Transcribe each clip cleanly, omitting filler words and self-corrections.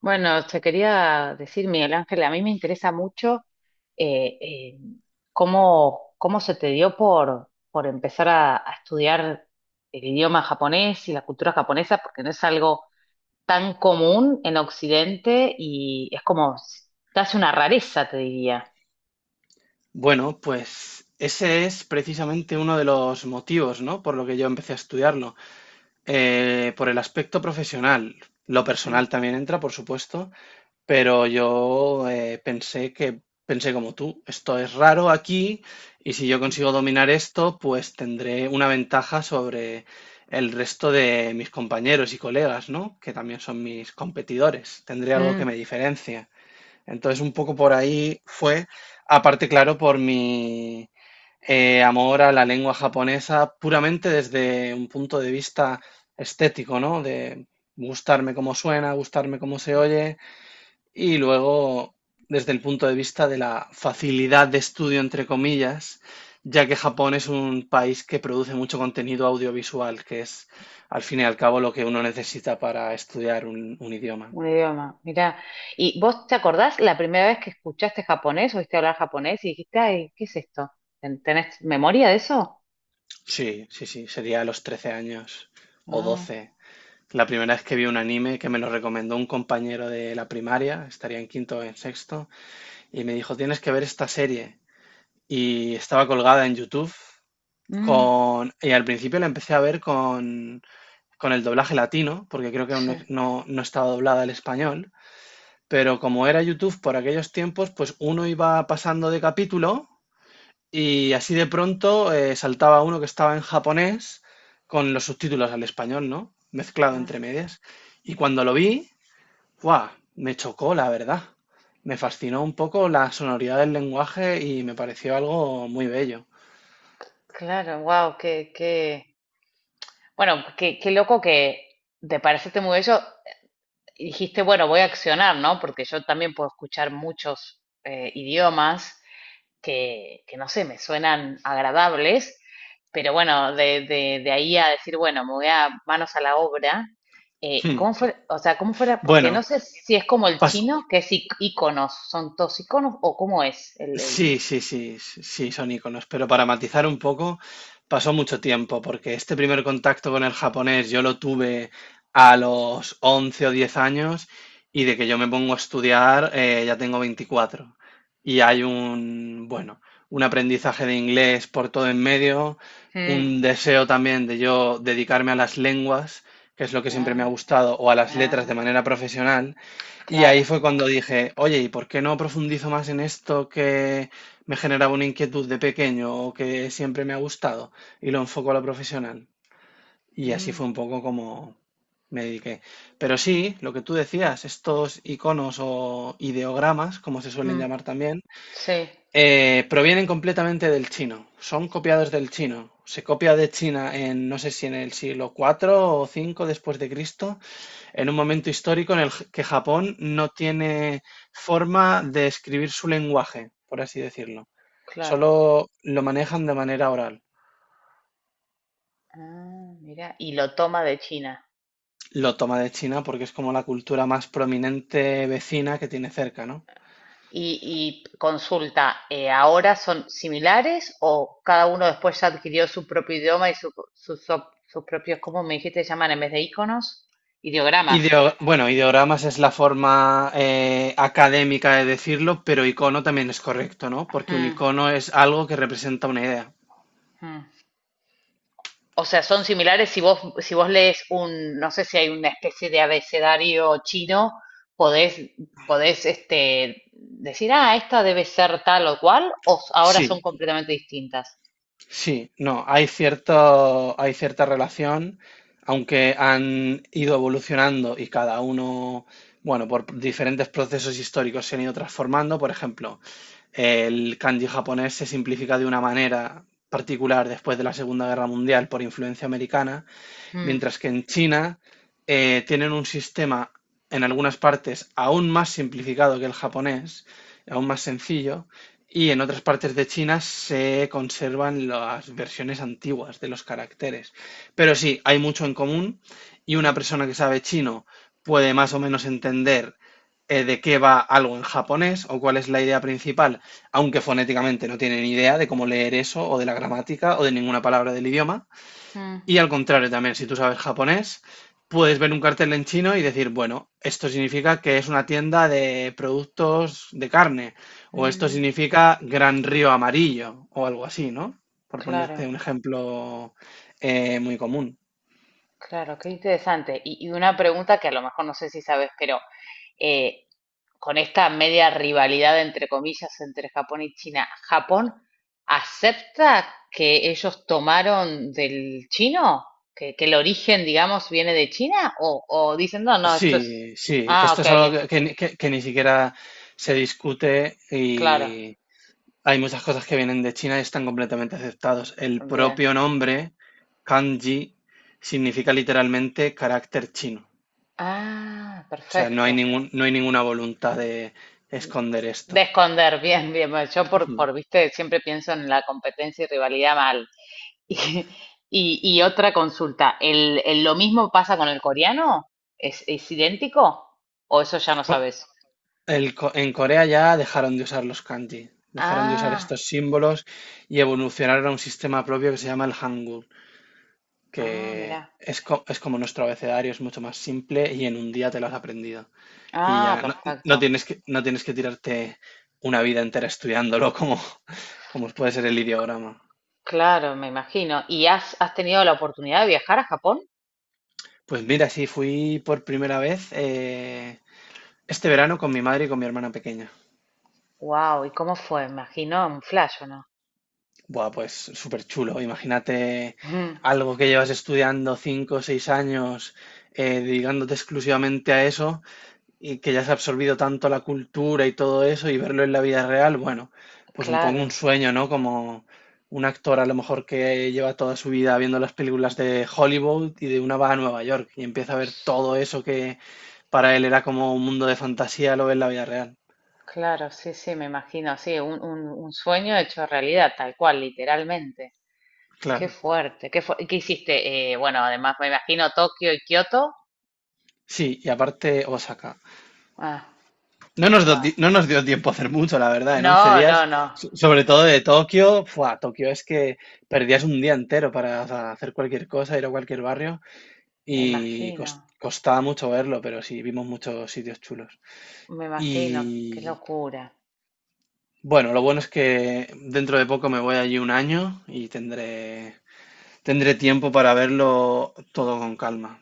Bueno, te quería decir, Miguel Ángel, a mí me interesa mucho eh, eh, cómo, cómo se te dio por empezar a estudiar el idioma japonés y la cultura japonesa, porque no es algo tan común en Occidente y es como casi una rareza, te diría. Bueno, pues ese es precisamente uno de los motivos, ¿no? Por lo que yo empecé a estudiarlo. Por el aspecto profesional. Lo Mm, personal también entra, por supuesto, pero yo pensé como tú, esto es raro aquí y si yo mm, consigo dominar esto, pues tendré una ventaja sobre el resto de mis compañeros y colegas, ¿no? Que también son mis competidores. Tendré algo que mm, me diferencia. Entonces, un poco por ahí fue, aparte, claro, por mi amor a la lengua japonesa, puramente desde un punto de vista estético, ¿no? De gustarme cómo suena, gustarme cómo se oye, y luego desde el punto de vista de la facilidad de estudio, entre comillas, ya que Japón es un país que produce mucho contenido audiovisual, que es al fin y al cabo lo que uno necesita para estudiar un idioma. un idioma, mirá. ¿Y vos te acordás la primera vez que escuchaste japonés, oíste hablar japonés y dijiste, ay, qué es esto? ¿Tenés memoria de eso? Sí, sí, sí, sería a los 13 años o 12. La primera vez que vi un anime que me lo recomendó un compañero de la primaria, estaría en quinto o en sexto, y me dijo, tienes que ver esta serie. Y estaba colgada en YouTube Mm, con... Y al principio la empecé a ver con el doblaje latino, porque creo que aún sí. No estaba doblada al español, pero como era YouTube por aquellos tiempos, pues uno iba pasando de capítulo y así de pronto saltaba uno que estaba en japonés con los subtítulos al español, ¿no? Mezclado Ah, entre medias. Y cuando lo vi, ¡guau! Me chocó, la verdad. Me fascinó un poco la sonoridad del lenguaje y me pareció algo muy bello. claro, wow, bueno, qué loco que te pareciste muy bello. Dijiste, bueno, voy a accionar, ¿no? Porque yo también puedo escuchar muchos idiomas no sé, me suenan agradables, pero bueno, de ahí a decir, bueno, me voy a manos a la obra. ¿Y Hmm. cómo fue, o sea, cómo fuera? Porque no Bueno, sé si es como el pas- chino, que es iconos, son todos iconos, o cómo es el... Sí, sí, sí, sí, son iconos. Pero para matizar un poco, pasó mucho tiempo, porque este primer contacto con el japonés yo lo tuve a los 11 o 10 años y de que yo me pongo a estudiar ya tengo 24. Y hay un, bueno, un aprendizaje de inglés por todo en medio, Mm, un deseo también de yo dedicarme a las lenguas, que es lo que siempre ah, me ha gustado, o a las letras de ah. manera profesional. Y ahí Claro. fue cuando dije, oye, ¿y por qué no profundizo más en esto que me generaba una inquietud de pequeño o que siempre me ha gustado? Y lo enfoco a lo profesional. Y así Mm, fue un poco como me dediqué. Pero sí, lo que tú decías, estos iconos o ideogramas, como se suelen mm. llamar también, Sí, provienen completamente del chino. Son copiados del chino. Se copia de China en, no sé si en el siglo IV o V después de Cristo en un momento histórico en el que Japón no tiene forma de escribir su lenguaje, por así decirlo. claro. Solo lo manejan de manera oral. Ah, mira, y lo toma de China. Lo toma de China porque es como la cultura más prominente vecina que tiene cerca, ¿no? Y consulta, ¿ahora son similares o cada uno después ya adquirió su propio idioma y sus sus propios, cómo me dijiste, llaman en vez de iconos? Ideogramas. Bueno, ideogramas es la forma académica de decirlo, pero icono también es correcto, ¿no? Porque un Mm, icono es algo que representa una idea. mm. O sea, son similares si vos, si vos lees un, no sé si hay una especie de abecedario chino, podés, podés este, decir, ah, esta debe ser tal o cual, ahora son Sí, completamente distintas. sí, no, hay cierto, hay cierta relación, aunque han ido evolucionando y cada uno, bueno, por diferentes procesos históricos se han ido transformando. Por ejemplo, el kanji japonés se simplifica de una manera particular después de la Segunda Guerra Mundial por influencia americana Mm, mientras que en China tienen un sistema en algunas partes aún más simplificado que el japonés, aún más sencillo, y en otras partes de China se conservan las versiones antiguas de los caracteres. Pero sí, hay mucho en común y una mm, persona que sabe chino puede más o menos entender de qué va algo en japonés o cuál es la idea principal, aunque fonéticamente no tiene ni idea de cómo leer eso o de la gramática o de ninguna palabra del idioma. mm, Y al contrario también, si tú sabes japonés, puedes ver un cartel en chino y decir, bueno, esto significa que es una tienda de productos de carne, o esto mm. significa Gran Río Amarillo, o algo así, ¿no? Por Claro, ponerte un ejemplo muy común. claro, qué interesante. Y una pregunta que a lo mejor no sé si sabes, pero eh, con esta media rivalidad, entre comillas, entre Japón y China, ¿Japón acepta que ellos tomaron del chino? Que el origen, digamos, viene de China? O dicen, no, no, esto es... Sí, sí, Ah, esto ok, es algo que, que ni siquiera se discute claro, y hay muchas cosas que vienen de China y están completamente aceptados. El bien. propio nombre, kanji, significa literalmente carácter chino. Ah, O sea, no hay, perfecto. ningún, no hay ninguna voluntad de esconder De esto. esconder, bien, bien. Bueno, yo Ujú. por, viste, siempre pienso en la competencia y rivalidad mal. Y otra consulta, ¿el, lo mismo pasa con el coreano? Es idéntico? ¿O eso ya no Co- sabes? En Corea ya dejaron de usar los kanji, dejaron de usar Ah, estos símbolos y evolucionaron a un sistema propio que se llama el Hangul, ah, que mirá. es, es como nuestro abecedario, es mucho más simple y en un día te lo has aprendido. Y Ah, ya no, no perfecto. tienes que, no tienes que tirarte una vida entera estudiándolo como, como puede ser el ideograma. Claro, me imagino. ¿Y has, has tenido la oportunidad de viajar a Japón? Pues mira, sí, fui por primera vez este verano con mi madre y con mi hermana pequeña. Wow, ¿y cómo fue? Me imagino un flash, ¿o no? Buah, pues súper chulo. Imagínate Ujú. algo que llevas estudiando 5 o 6 años, dedicándote exclusivamente a eso y que ya se ha absorbido tanto la cultura y todo eso y verlo en la vida real, bueno, pues un poco Claro, un sueño, ¿no? Como un actor a lo mejor que lleva toda su vida viendo las películas de Hollywood y de una va a Nueva York y empieza a ver todo eso que para él era como un mundo de fantasía, lo ve en la vida real. claro, sí, sí, me imagino, sí, un sueño hecho realidad, tal cual, literalmente. Qué Claro. fuerte, ¿y qué hiciste? Bueno, además me imagino Tokio y Kioto. Sí, y aparte Osaka. Ah, wow. No nos dio tiempo a hacer mucho, la verdad, en 11 No, días, no, no. Sobre todo de Tokio, fue Tokio es que perdías un día entero para hacer cualquier cosa, ir a cualquier barrio Me y imagino, costaba mucho verlo, pero sí, vimos muchos sitios chulos. me Y imagino. Qué locura. bueno, lo bueno es que dentro de poco me voy allí un año y tendré, tendré tiempo para verlo todo con calma.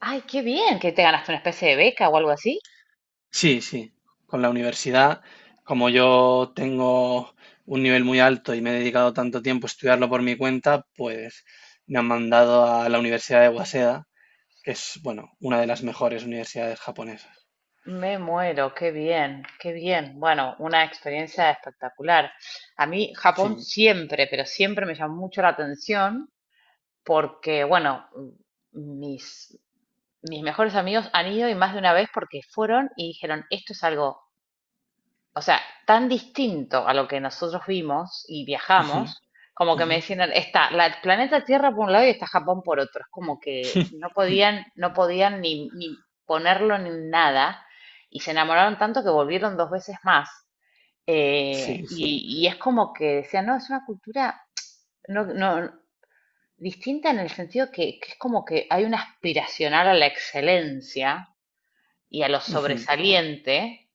Ay, qué bien que te ganaste una especie de beca o algo así. Sí, sí, con la universidad, como yo tengo un nivel muy alto y me he dedicado tanto tiempo a estudiarlo por mi cuenta, pues me han mandado a la Universidad de Waseda, que es, bueno, una de las mejores universidades japonesas. Me muero, qué bien, qué bien. Bueno, una experiencia espectacular. A mí Japón Sí. siempre, pero siempre me llamó mucho la atención porque, bueno, mis, mis mejores amigos han ido y más de una vez porque fueron y dijeron, esto es algo o sea, tan distinto a lo que nosotros vimos y Ujú, viajamos, como que me ujú, decían, está la, el planeta Tierra por un lado y está Japón por otro. Es como que no podían, no podían ni, ni ponerlo ni nada. Y se enamoraron tanto que volvieron dos veces más. Sí, sí. Y es como que decían, no, es una cultura no, no, distinta en el sentido que es como que hay una aspiracional a la excelencia y a lo Ujú, sobresaliente,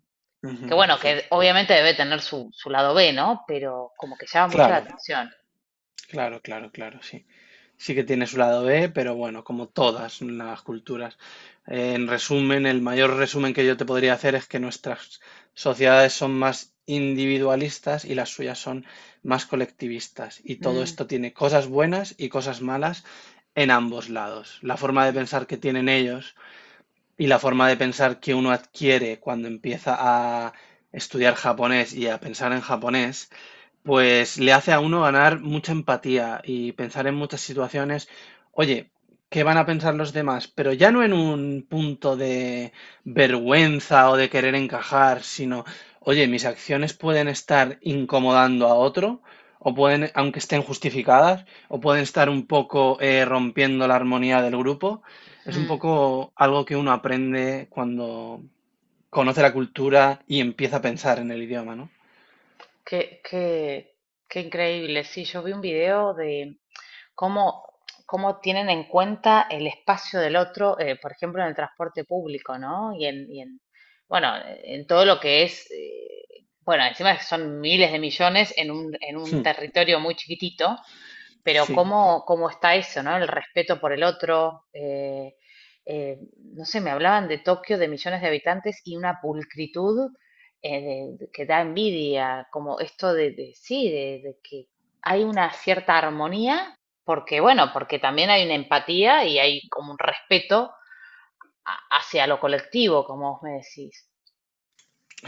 que ujú, bueno, sí. que obviamente debe tener su, su lado B, ¿no? Pero como que llama mucho la Claro, atención. claro, claro, claro, sí. Sí que tiene su lado B, pero bueno, como todas las culturas. En resumen, el mayor resumen que yo te podría hacer es que nuestras sociedades son más individualistas y las suyas son más colectivistas. Y todo Mm, esto tiene cosas buenas y cosas malas en ambos lados. La forma de mm, pensar que tienen ellos y la forma de pensar que uno adquiere cuando empieza a estudiar japonés y a pensar en japonés pues le hace a uno ganar mucha empatía y pensar en muchas situaciones, oye, ¿qué van a pensar los demás? Pero ya no en un punto de vergüenza o de querer encajar, sino, oye, mis acciones pueden estar incomodando a otro, o pueden, aunque estén justificadas, o pueden estar un poco rompiendo la armonía del grupo. Es un mm. poco algo que uno aprende cuando conoce la cultura y empieza a pensar en el idioma, ¿no? Qué, qué, qué increíble. Sí, yo vi un video de cómo, cómo tienen en cuenta el espacio del otro, por ejemplo, en el transporte público, ¿no? Y en bueno, en todo lo que es, bueno, encima son miles de millones en un Hmm, territorio muy chiquitito, pero sí. cómo, cómo está eso, ¿no? El respeto por el otro. No sé, me hablaban de Tokio, de millones de habitantes y una pulcritud eh, que da envidia, como esto de, sí, de que hay una cierta armonía, porque bueno, porque también hay una empatía y hay como un respeto hacia lo colectivo, como vos me decís.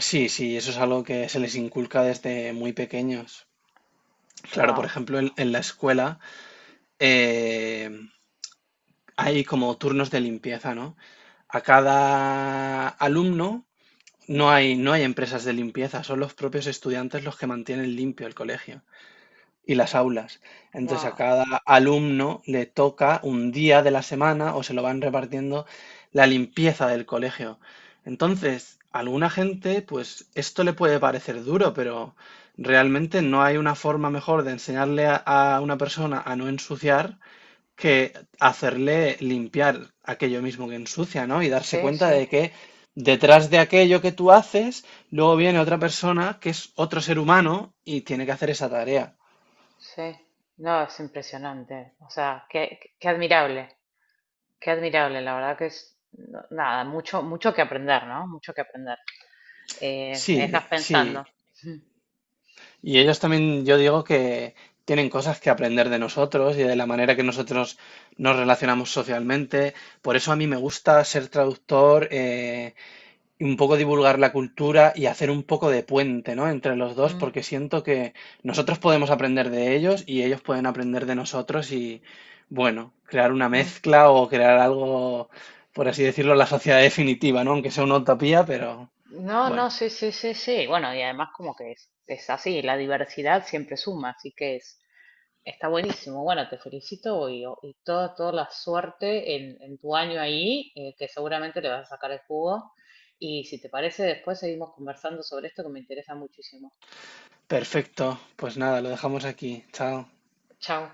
Sí, sí, eso es algo que se les inculca desde muy pequeños. Claro, por Wow, ejemplo, en la escuela eh, hay como turnos de limpieza, ¿no? A cada alumno no hay empresas de limpieza, son los propios estudiantes los que mantienen limpio el colegio y las aulas. Entonces a wow. cada alumno le toca un día de la semana o se lo van repartiendo la limpieza del colegio. Entonces, a alguna gente, pues esto le puede parecer duro, pero realmente no hay una forma mejor de enseñarle a una persona a no ensuciar que hacerle limpiar aquello mismo que ensucia, ¿no? Y darse Sí, cuenta sí, de que detrás de aquello que tú haces, luego viene otra persona que es otro ser humano y tiene que hacer esa tarea. sí. No, es impresionante. O sea, qué, qué qué admirable. Qué admirable, la verdad que es, nada, mucho, mucho que aprender, ¿no? Mucho que aprender. Me Sí, dejas sí. pensando. Mm, Y ellos también, yo digo que tienen cosas que aprender de nosotros y de la manera que nosotros nos relacionamos socialmente. Por eso a mí me gusta ser traductor, y un poco divulgar la cultura y hacer un poco de puente, ¿no? Entre los dos, mm, porque siento que nosotros podemos aprender de ellos y ellos pueden aprender de nosotros y, bueno, crear una mm. mezcla o crear algo, por así decirlo, la sociedad definitiva, ¿no? Aunque sea una utopía, pero No, bueno. no, sí, sí, sí, sí. Bueno, y además como que es así, la diversidad siempre suma, así que es, está buenísimo. Bueno, te felicito y y toda, toda la suerte en tu año ahí, que seguramente le vas a sacar el jugo. Y si te parece, después seguimos conversando sobre esto que me interesa muchísimo. Perfecto, pues nada, lo dejamos aquí. Chao. Chao.